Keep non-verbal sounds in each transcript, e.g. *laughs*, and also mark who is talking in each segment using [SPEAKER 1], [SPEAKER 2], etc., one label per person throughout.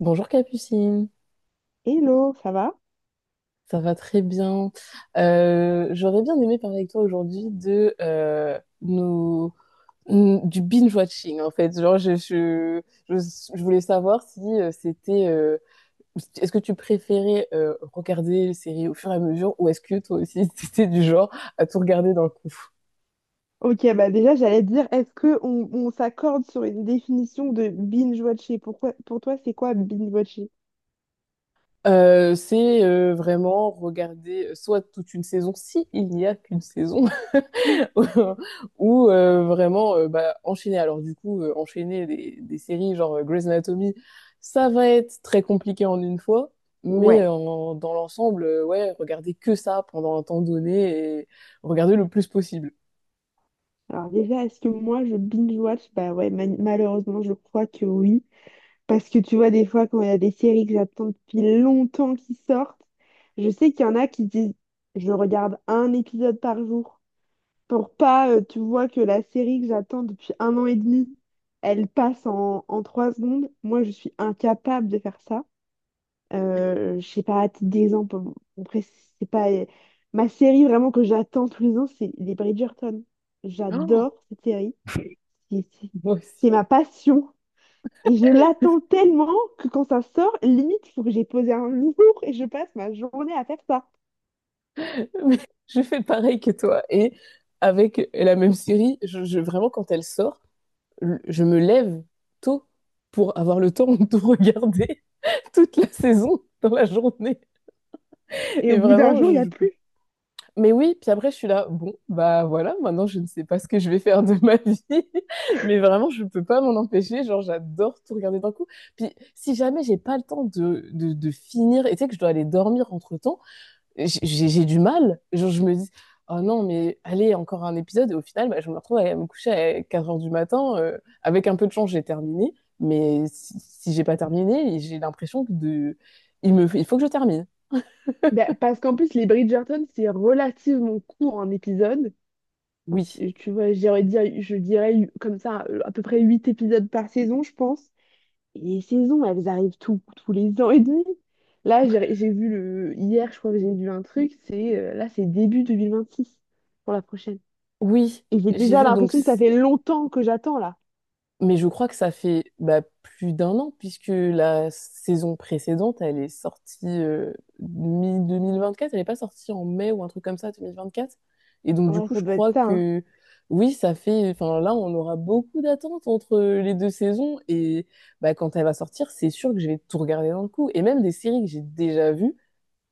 [SPEAKER 1] Bonjour Capucine,
[SPEAKER 2] Hello, ça va?
[SPEAKER 1] ça va très bien. J'aurais bien aimé parler avec toi aujourd'hui de nos, du binge-watching en fait. Genre, je, je voulais savoir si c'était, est-ce que tu préférais regarder les séries au fur et à mesure ou est-ce que toi aussi *laughs* c'était du genre à tout regarder d'un coup?
[SPEAKER 2] Ok, bah déjà j'allais te dire, est-ce que on s'accorde sur une définition de binge-watcher? Pourquoi, pour toi, c'est quoi binge-watcher?
[SPEAKER 1] C'est vraiment regarder soit toute une saison, si il n'y a qu'une saison, *laughs* ou vraiment enchaîner. Alors du coup, enchaîner des séries genre Grey's Anatomy, ça va être très compliqué en une fois, mais
[SPEAKER 2] Ouais.
[SPEAKER 1] dans l'ensemble, ouais, regarder que ça pendant un temps donné et regarder le plus possible.
[SPEAKER 2] Alors déjà, est-ce que moi je binge-watch? Bah ouais, malheureusement, je crois que oui. Parce que tu vois, des fois, quand il y a des séries que j'attends depuis longtemps qui sortent, je sais qu'il y en a qui disent, je regarde un épisode par jour, pour pas, tu vois, que la série que j'attends depuis 1 an et demi, elle passe en trois secondes. Moi, je suis incapable de faire ça. Je sais pas, à titre d'exemple, bon, après, c'est pas... Ma série vraiment que j'attends tous les ans, c'est les Bridgerton.
[SPEAKER 1] Oh,
[SPEAKER 2] J'adore cette série. C'est c'est-
[SPEAKER 1] moi aussi.
[SPEAKER 2] c'est ma passion. Et je l'attends tellement que quand ça sort, limite, il faut que j'ai posé un *laughs* jour et je passe ma journée à faire ça.
[SPEAKER 1] *laughs* Mais je fais pareil que toi. Et avec la même série, vraiment quand elle sort, je me lève tôt pour avoir le temps de regarder *laughs* toute la saison dans la journée.
[SPEAKER 2] Et
[SPEAKER 1] Et
[SPEAKER 2] au bout d'un
[SPEAKER 1] vraiment,
[SPEAKER 2] jour, il n'y a
[SPEAKER 1] je peux.
[SPEAKER 2] plus.
[SPEAKER 1] Mais oui, puis après, je suis là, bon, bah voilà, maintenant je ne sais pas ce que je vais faire de ma vie, *laughs* mais vraiment, je peux pas m'en empêcher, genre j'adore tout regarder d'un coup. Puis si jamais j'ai pas le temps de finir, et tu sais que je dois aller dormir entre-temps, j'ai j'ai du mal, genre je me dis, oh non, mais allez, encore un épisode, et au final, bah, je me retrouve à me coucher à 4 heures du matin, avec un peu de chance, j'ai terminé, mais si j'ai pas terminé, j'ai l'impression que de... il me... il faut que je termine.
[SPEAKER 2] Ben, parce qu'en plus, les Bridgerton, c'est relativement court en épisode. Enfin,
[SPEAKER 1] Oui,
[SPEAKER 2] tu vois, je dirais comme ça, à peu près 8 épisodes par saison, je pense. Et les saisons, elles arrivent tous les ans et demi. Là, j'ai vu le... Hier, je crois que j'ai vu un truc, c'est... là, c'est début 2026 pour la prochaine.
[SPEAKER 1] oui,
[SPEAKER 2] Et j'ai
[SPEAKER 1] j'ai
[SPEAKER 2] déjà
[SPEAKER 1] vu donc...
[SPEAKER 2] l'impression que ça fait longtemps que j'attends, là.
[SPEAKER 1] Mais je crois que ça fait bah, plus d'un an, puisque la saison précédente, elle est sortie mi-2024, elle n'est pas sortie en mai ou un truc comme ça, 2024. Et donc, du
[SPEAKER 2] Ouais,
[SPEAKER 1] coup,
[SPEAKER 2] ça
[SPEAKER 1] je
[SPEAKER 2] doit être
[SPEAKER 1] crois
[SPEAKER 2] ça, hein.
[SPEAKER 1] que oui, ça fait. Enfin, là, on aura beaucoup d'attentes entre les deux saisons. Et bah, quand elle va sortir, c'est sûr que je vais tout regarder d'un coup. Et même des séries que j'ai déjà vues,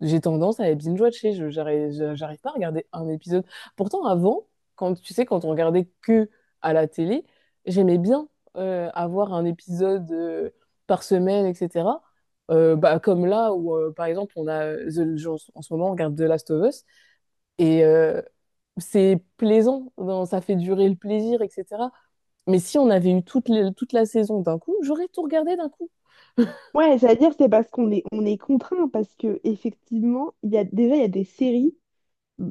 [SPEAKER 1] j'ai tendance à les binge-watcher, j'arrive pas à regarder un épisode. Pourtant, avant, quand tu sais, quand on regardait que à la télé, j'aimais bien avoir un épisode par semaine, etc. Bah, comme là où, par exemple, on a genre, en ce moment, on regarde The Last of Us et c'est plaisant, ça fait durer le plaisir, etc. Mais si on avait eu toute la saison d'un coup, j'aurais tout regardé d'un coup.
[SPEAKER 2] Ouais, c'est-à-dire, c'est parce qu'on est contraint, parce que effectivement, il y a, déjà, il y a des séries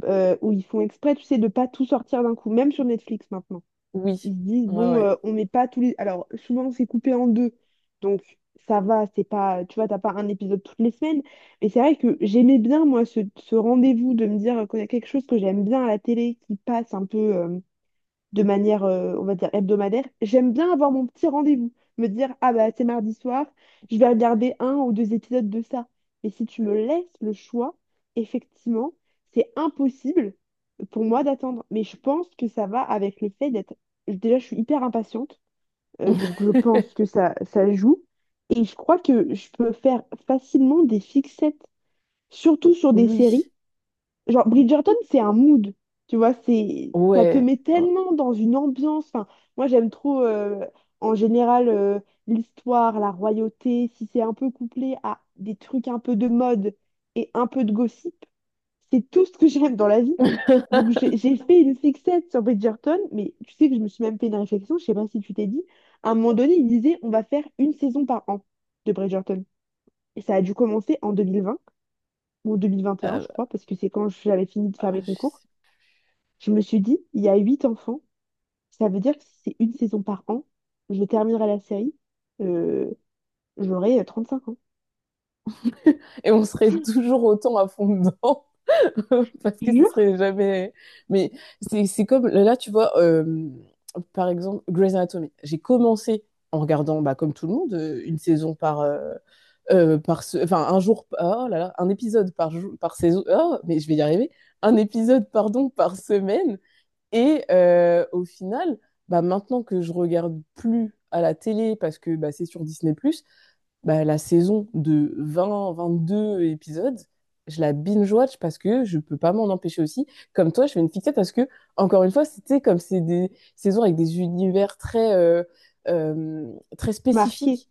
[SPEAKER 2] où ils font exprès, tu sais, de pas tout sortir d'un coup, même sur Netflix maintenant.
[SPEAKER 1] Oui,
[SPEAKER 2] Ils se disent,
[SPEAKER 1] ouais,
[SPEAKER 2] bon,
[SPEAKER 1] ouais.
[SPEAKER 2] on met pas tous les... Alors, souvent, c'est coupé en deux, donc ça va, c'est pas... Tu vois, t'as pas un épisode toutes les semaines, mais c'est vrai que j'aimais bien, moi, ce rendez-vous de me dire, quand il y a quelque chose que j'aime bien à la télé, qui passe un peu... de manière, on va dire, hebdomadaire, j'aime bien avoir mon petit rendez-vous. Me dire, ah bah c'est mardi soir, je vais regarder un ou deux épisodes de ça. Mais si tu me laisses le choix, effectivement, c'est impossible pour moi d'attendre. Mais je pense que ça va avec le fait d'être... Déjà, je suis hyper impatiente, donc je pense que
[SPEAKER 1] *laughs*
[SPEAKER 2] ça joue. Et je crois que je peux faire facilement des fixettes, surtout sur des
[SPEAKER 1] Oui,
[SPEAKER 2] séries. Genre, Bridgerton, c'est un mood, tu vois, c'est, ça te
[SPEAKER 1] ouais.
[SPEAKER 2] met tellement dans une ambiance. Enfin, moi, j'aime trop, en général, l'histoire, la royauté, si c'est un peu couplé à des trucs un peu de mode et un peu de gossip, c'est tout ce que j'aime dans la vie. Donc, j'ai fait une fixette sur Bridgerton, mais tu sais que je me suis même fait une réflexion, je sais pas si tu t'es dit, à un moment donné, il disait, on va faire une saison par an de Bridgerton. Et ça a dû commencer en 2020 ou 2021,
[SPEAKER 1] Euh,
[SPEAKER 2] je crois, parce que c'est quand j'avais fini de faire mes concours. Je me suis dit, il y a 8 enfants, ça veut dire que si c'est une saison par an, je terminerai la série, euh, j'aurai 35 ans.
[SPEAKER 1] et on serait toujours autant à fond dedans *laughs* parce que ce
[SPEAKER 2] Jure?
[SPEAKER 1] serait jamais. Mais c'est comme là, tu vois, par exemple, Grey's Anatomy. J'ai commencé en regardant, bah, comme tout le monde, une saison par. Par ce... Enfin, un jour, oh là là, un épisode par jour, par saison, oh, mais je vais y arriver, un épisode, pardon, par semaine, et au final, bah, maintenant que je regarde plus à la télé parce que bah, c'est sur Disney+, bah, la saison de 20, 22 épisodes, je la binge-watch parce que je peux pas m'en empêcher aussi. Comme toi, je fais une fixette parce que, encore une fois, c'était comme c'est des saisons avec des univers euh, très
[SPEAKER 2] Marqué.
[SPEAKER 1] spécifiques.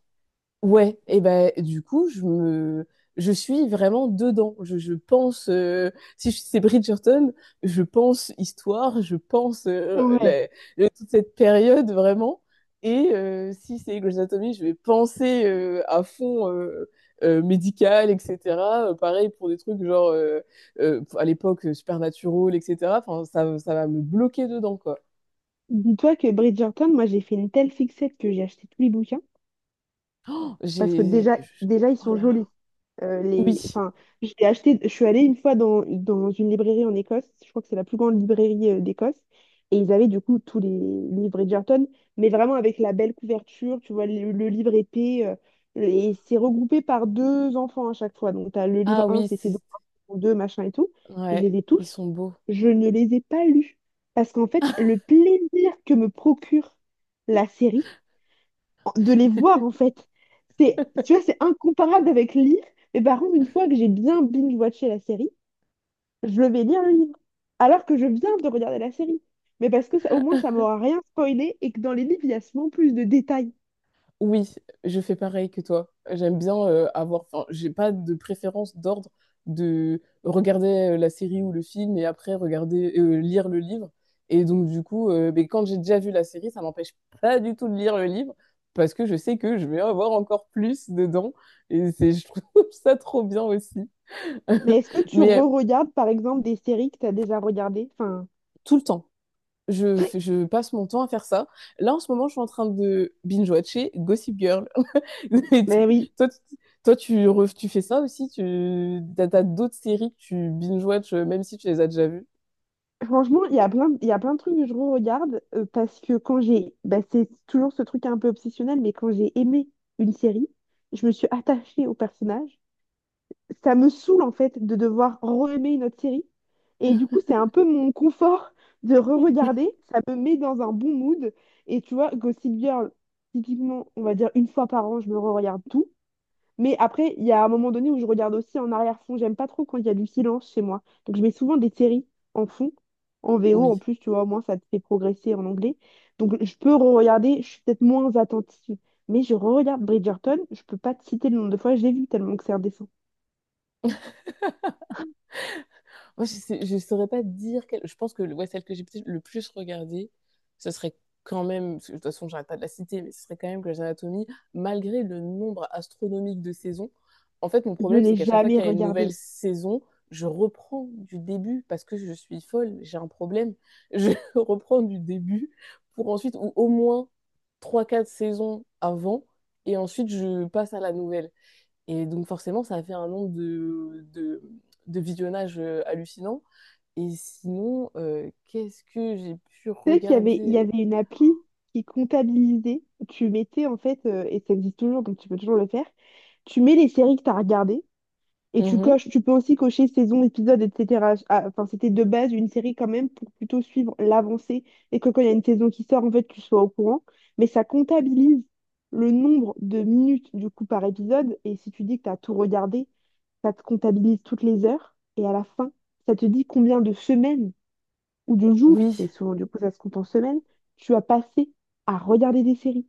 [SPEAKER 1] Ouais, et ben du coup, je suis vraiment dedans. Je pense si c'est Bridgerton, je pense histoire, je pense
[SPEAKER 2] Ouais.
[SPEAKER 1] toute cette période vraiment et si c'est Grey's Anatomy, je vais penser à fond médical, etc. Pareil pour des trucs genre à l'époque Supernatural, etc. Enfin, ça va me bloquer dedans quoi.
[SPEAKER 2] Dis-toi que Bridgerton, moi j'ai fait une telle fixette que j'ai acheté tous les bouquins. Parce que
[SPEAKER 1] J'ai je-
[SPEAKER 2] déjà ils
[SPEAKER 1] oh
[SPEAKER 2] sont
[SPEAKER 1] là là.
[SPEAKER 2] jolis.
[SPEAKER 1] Oui.
[SPEAKER 2] Les... enfin, j'ai acheté... Je suis allée une fois dans une librairie en Écosse, je crois que c'est la plus grande librairie d'Écosse, et ils avaient du coup tous les livres Bridgerton, mais vraiment avec la belle couverture, tu vois, le livre épais, et c'est regroupé par deux enfants à chaque fois. Donc, tu as le livre
[SPEAKER 1] Ah
[SPEAKER 2] un
[SPEAKER 1] oui,
[SPEAKER 2] c'est ses
[SPEAKER 1] c'est
[SPEAKER 2] enfants, 2 machin et tout. Je
[SPEAKER 1] ouais,
[SPEAKER 2] les ai
[SPEAKER 1] ils
[SPEAKER 2] tous,
[SPEAKER 1] sont beaux.
[SPEAKER 2] je ne les ai pas lus, parce qu'en fait, le plaisir que me procure la série, de les voir en fait. C'est, tu vois, c'est incomparable avec lire. Mais par contre, une fois que j'ai bien binge-watché la série, je vais lire le livre. Alors que je viens de regarder la série. Mais parce que ça, au moins, ça m'aura rien spoilé et que dans les livres, il y a souvent plus de détails.
[SPEAKER 1] Oui, je fais pareil que toi. J'aime bien avoir. Enfin, j'ai pas de préférence d'ordre de regarder la série ou le film et après regarder lire le livre. Et donc du coup, mais quand j'ai déjà vu la série, ça m'empêche pas du tout de lire le livre parce que je sais que je vais avoir encore plus dedans. Et c'est, je trouve *laughs* ça trop bien aussi.
[SPEAKER 2] Mais est-ce que
[SPEAKER 1] *laughs*
[SPEAKER 2] tu
[SPEAKER 1] Mais
[SPEAKER 2] re-regardes, par exemple, des séries que tu as déjà regardées? Enfin,
[SPEAKER 1] tout le temps, je passe mon temps à faire ça. Là en ce moment, je suis en train de binge-watcher Gossip Girl. *laughs*
[SPEAKER 2] mais oui.
[SPEAKER 1] Toi, tu, Tu fais ça aussi? T'as d'autres séries que tu binge-watch, même si tu les as déjà vues?
[SPEAKER 2] Franchement, il y a il y a plein de trucs que je re-regarde parce que quand j'ai... bah, c'est toujours ce truc un peu obsessionnel, mais quand j'ai aimé une série, je me suis attachée au personnage, ça me saoule en fait de devoir re-aimer une autre série. Et du coup, c'est un peu mon confort *laughs* de
[SPEAKER 1] Hmm.
[SPEAKER 2] re-regarder. Ça me met dans un bon mood. Et tu vois, Gossip Girl, typiquement, on va dire une fois par an, je me re-regarde tout. Mais après, il y a un moment donné où je regarde aussi en arrière-fond. J'aime pas trop quand il y a du silence chez moi. Donc, je mets souvent des séries en fond, en VO. En
[SPEAKER 1] Oui.
[SPEAKER 2] plus, tu vois, au moins, ça te fait progresser en anglais. Donc, je peux re-regarder. Je suis peut-être moins attentive. Mais je re-regarde Bridgerton. Je peux pas te citer le nombre de fois que je l'ai vu tellement que c'est indécent.
[SPEAKER 1] Moi, saurais pas dire quelle. Je pense que ouais, celle que j'ai peut-être le plus regardée, ce serait quand même. Parce que de toute façon, j'arrête pas de la citer, mais ce serait quand même Grey's Anatomy, malgré le nombre astronomique de saisons. En fait, mon
[SPEAKER 2] Je
[SPEAKER 1] problème, c'est
[SPEAKER 2] n'ai
[SPEAKER 1] qu'à chaque fois
[SPEAKER 2] jamais
[SPEAKER 1] qu'il y a une nouvelle
[SPEAKER 2] regardé.
[SPEAKER 1] saison, je reprends du début parce que je suis folle, j'ai un problème. Je *laughs* reprends du début pour ensuite, ou au moins trois quatre saisons avant, et ensuite je passe à la nouvelle. Et donc forcément, ça a fait un nombre de visionnages hallucinant. Et sinon, qu'est-ce que j'ai pu
[SPEAKER 2] Tu sais qu'il y
[SPEAKER 1] regarder?
[SPEAKER 2] avait une appli qui comptabilisait. Tu mettais en fait, et ça existe toujours, donc tu peux toujours le faire. Tu mets les séries que tu as regardées et tu
[SPEAKER 1] Mhm.
[SPEAKER 2] coches. Tu peux aussi cocher saison, épisode, etc. Ah, enfin, c'était de base une série quand même pour plutôt suivre l'avancée et que quand il y a une saison qui sort, en fait, tu sois au courant. Mais ça comptabilise le nombre de minutes du coup par épisode. Et si tu dis que tu as tout regardé, ça te comptabilise toutes les heures. Et à la fin, ça te dit combien de semaines ou de jours,
[SPEAKER 1] Oui,
[SPEAKER 2] mais souvent du coup ça se compte en semaines, tu vas passer à regarder des séries.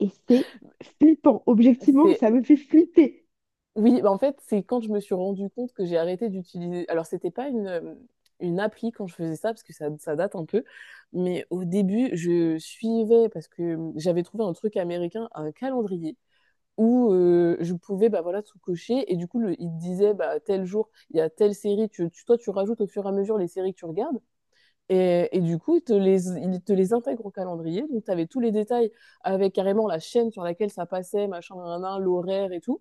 [SPEAKER 2] Et c'est flippant. Objectivement,
[SPEAKER 1] c'est
[SPEAKER 2] ça me fait flipper.
[SPEAKER 1] oui, bah, en fait, c'est quand je me suis rendu compte que j'ai arrêté d'utiliser. Alors, c'était pas une appli quand je faisais ça, parce que ça date un peu. Mais au début, je suivais, parce que j'avais trouvé un truc américain, un calendrier, où je pouvais bah, voilà, tout cocher. Et du coup, il te disait, bah, tel jour, il y a telle série. Toi, tu rajoutes au fur et à mesure les séries que tu regardes. Et du coup, il te les intègre au calendrier. Donc, tu avais tous les détails avec carrément la chaîne sur laquelle ça passait, machin, nan, l'horaire et tout.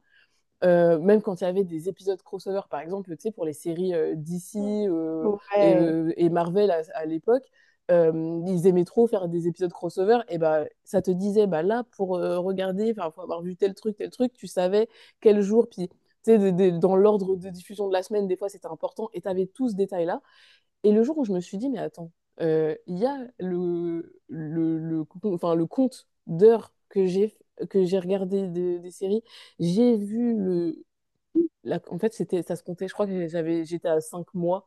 [SPEAKER 1] Même quand il y avait des épisodes crossover, par exemple, tu sais, pour les séries DC
[SPEAKER 2] Ouais.
[SPEAKER 1] et Marvel à l'époque, ils aimaient trop faire des épisodes crossover. Et bah, ça te disait, bah là, pour regarder, enfin, pour avoir vu tel truc, tu savais quel jour, puis. Tu sais, dans l'ordre de diffusion de la semaine, des fois c'était important et tu avais tout ce détail-là. Et le jour où je me suis dit, mais attends, il y a enfin, le compte d'heures que j'ai regardé des séries, j'ai vu en fait, c'était, ça se comptait. Je crois que j'avais, j'étais à 5 mois.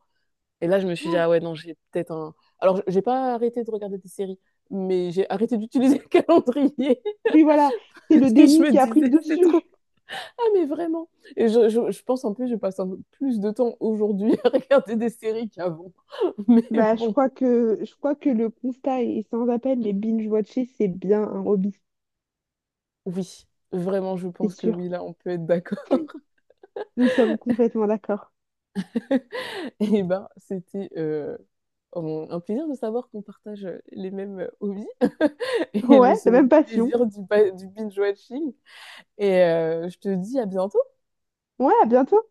[SPEAKER 1] Et là, je me suis dit,
[SPEAKER 2] Oh.
[SPEAKER 1] ah ouais, non, j'ai peut-être un. Alors, j'ai pas arrêté de regarder des séries, mais j'ai arrêté d'utiliser le *laughs* calendrier.
[SPEAKER 2] Oui, voilà, c'est le
[SPEAKER 1] Parce que je
[SPEAKER 2] déni
[SPEAKER 1] me
[SPEAKER 2] qui a pris
[SPEAKER 1] disais,
[SPEAKER 2] le
[SPEAKER 1] c'est trop.
[SPEAKER 2] dessus.
[SPEAKER 1] Ah, mais vraiment. Et je pense en plus, je passe un peu plus de temps aujourd'hui *laughs* à regarder des séries qu'avant. Mais
[SPEAKER 2] Bah,
[SPEAKER 1] bon,
[SPEAKER 2] je crois que le constat est sans appel, mais binge-watcher, c'est bien un hobby,
[SPEAKER 1] oui, vraiment, je
[SPEAKER 2] c'est
[SPEAKER 1] pense que oui,
[SPEAKER 2] sûr.
[SPEAKER 1] là, on peut être d'accord.
[SPEAKER 2] Nous sommes complètement d'accord.
[SPEAKER 1] *laughs* Et ben, c'était un plaisir de savoir qu'on partage les mêmes hobbies *laughs* et
[SPEAKER 2] Ouais,
[SPEAKER 1] ce
[SPEAKER 2] la même
[SPEAKER 1] même
[SPEAKER 2] passion.
[SPEAKER 1] plaisir du, du binge-watching. Et je te dis à bientôt.
[SPEAKER 2] Ouais, à bientôt.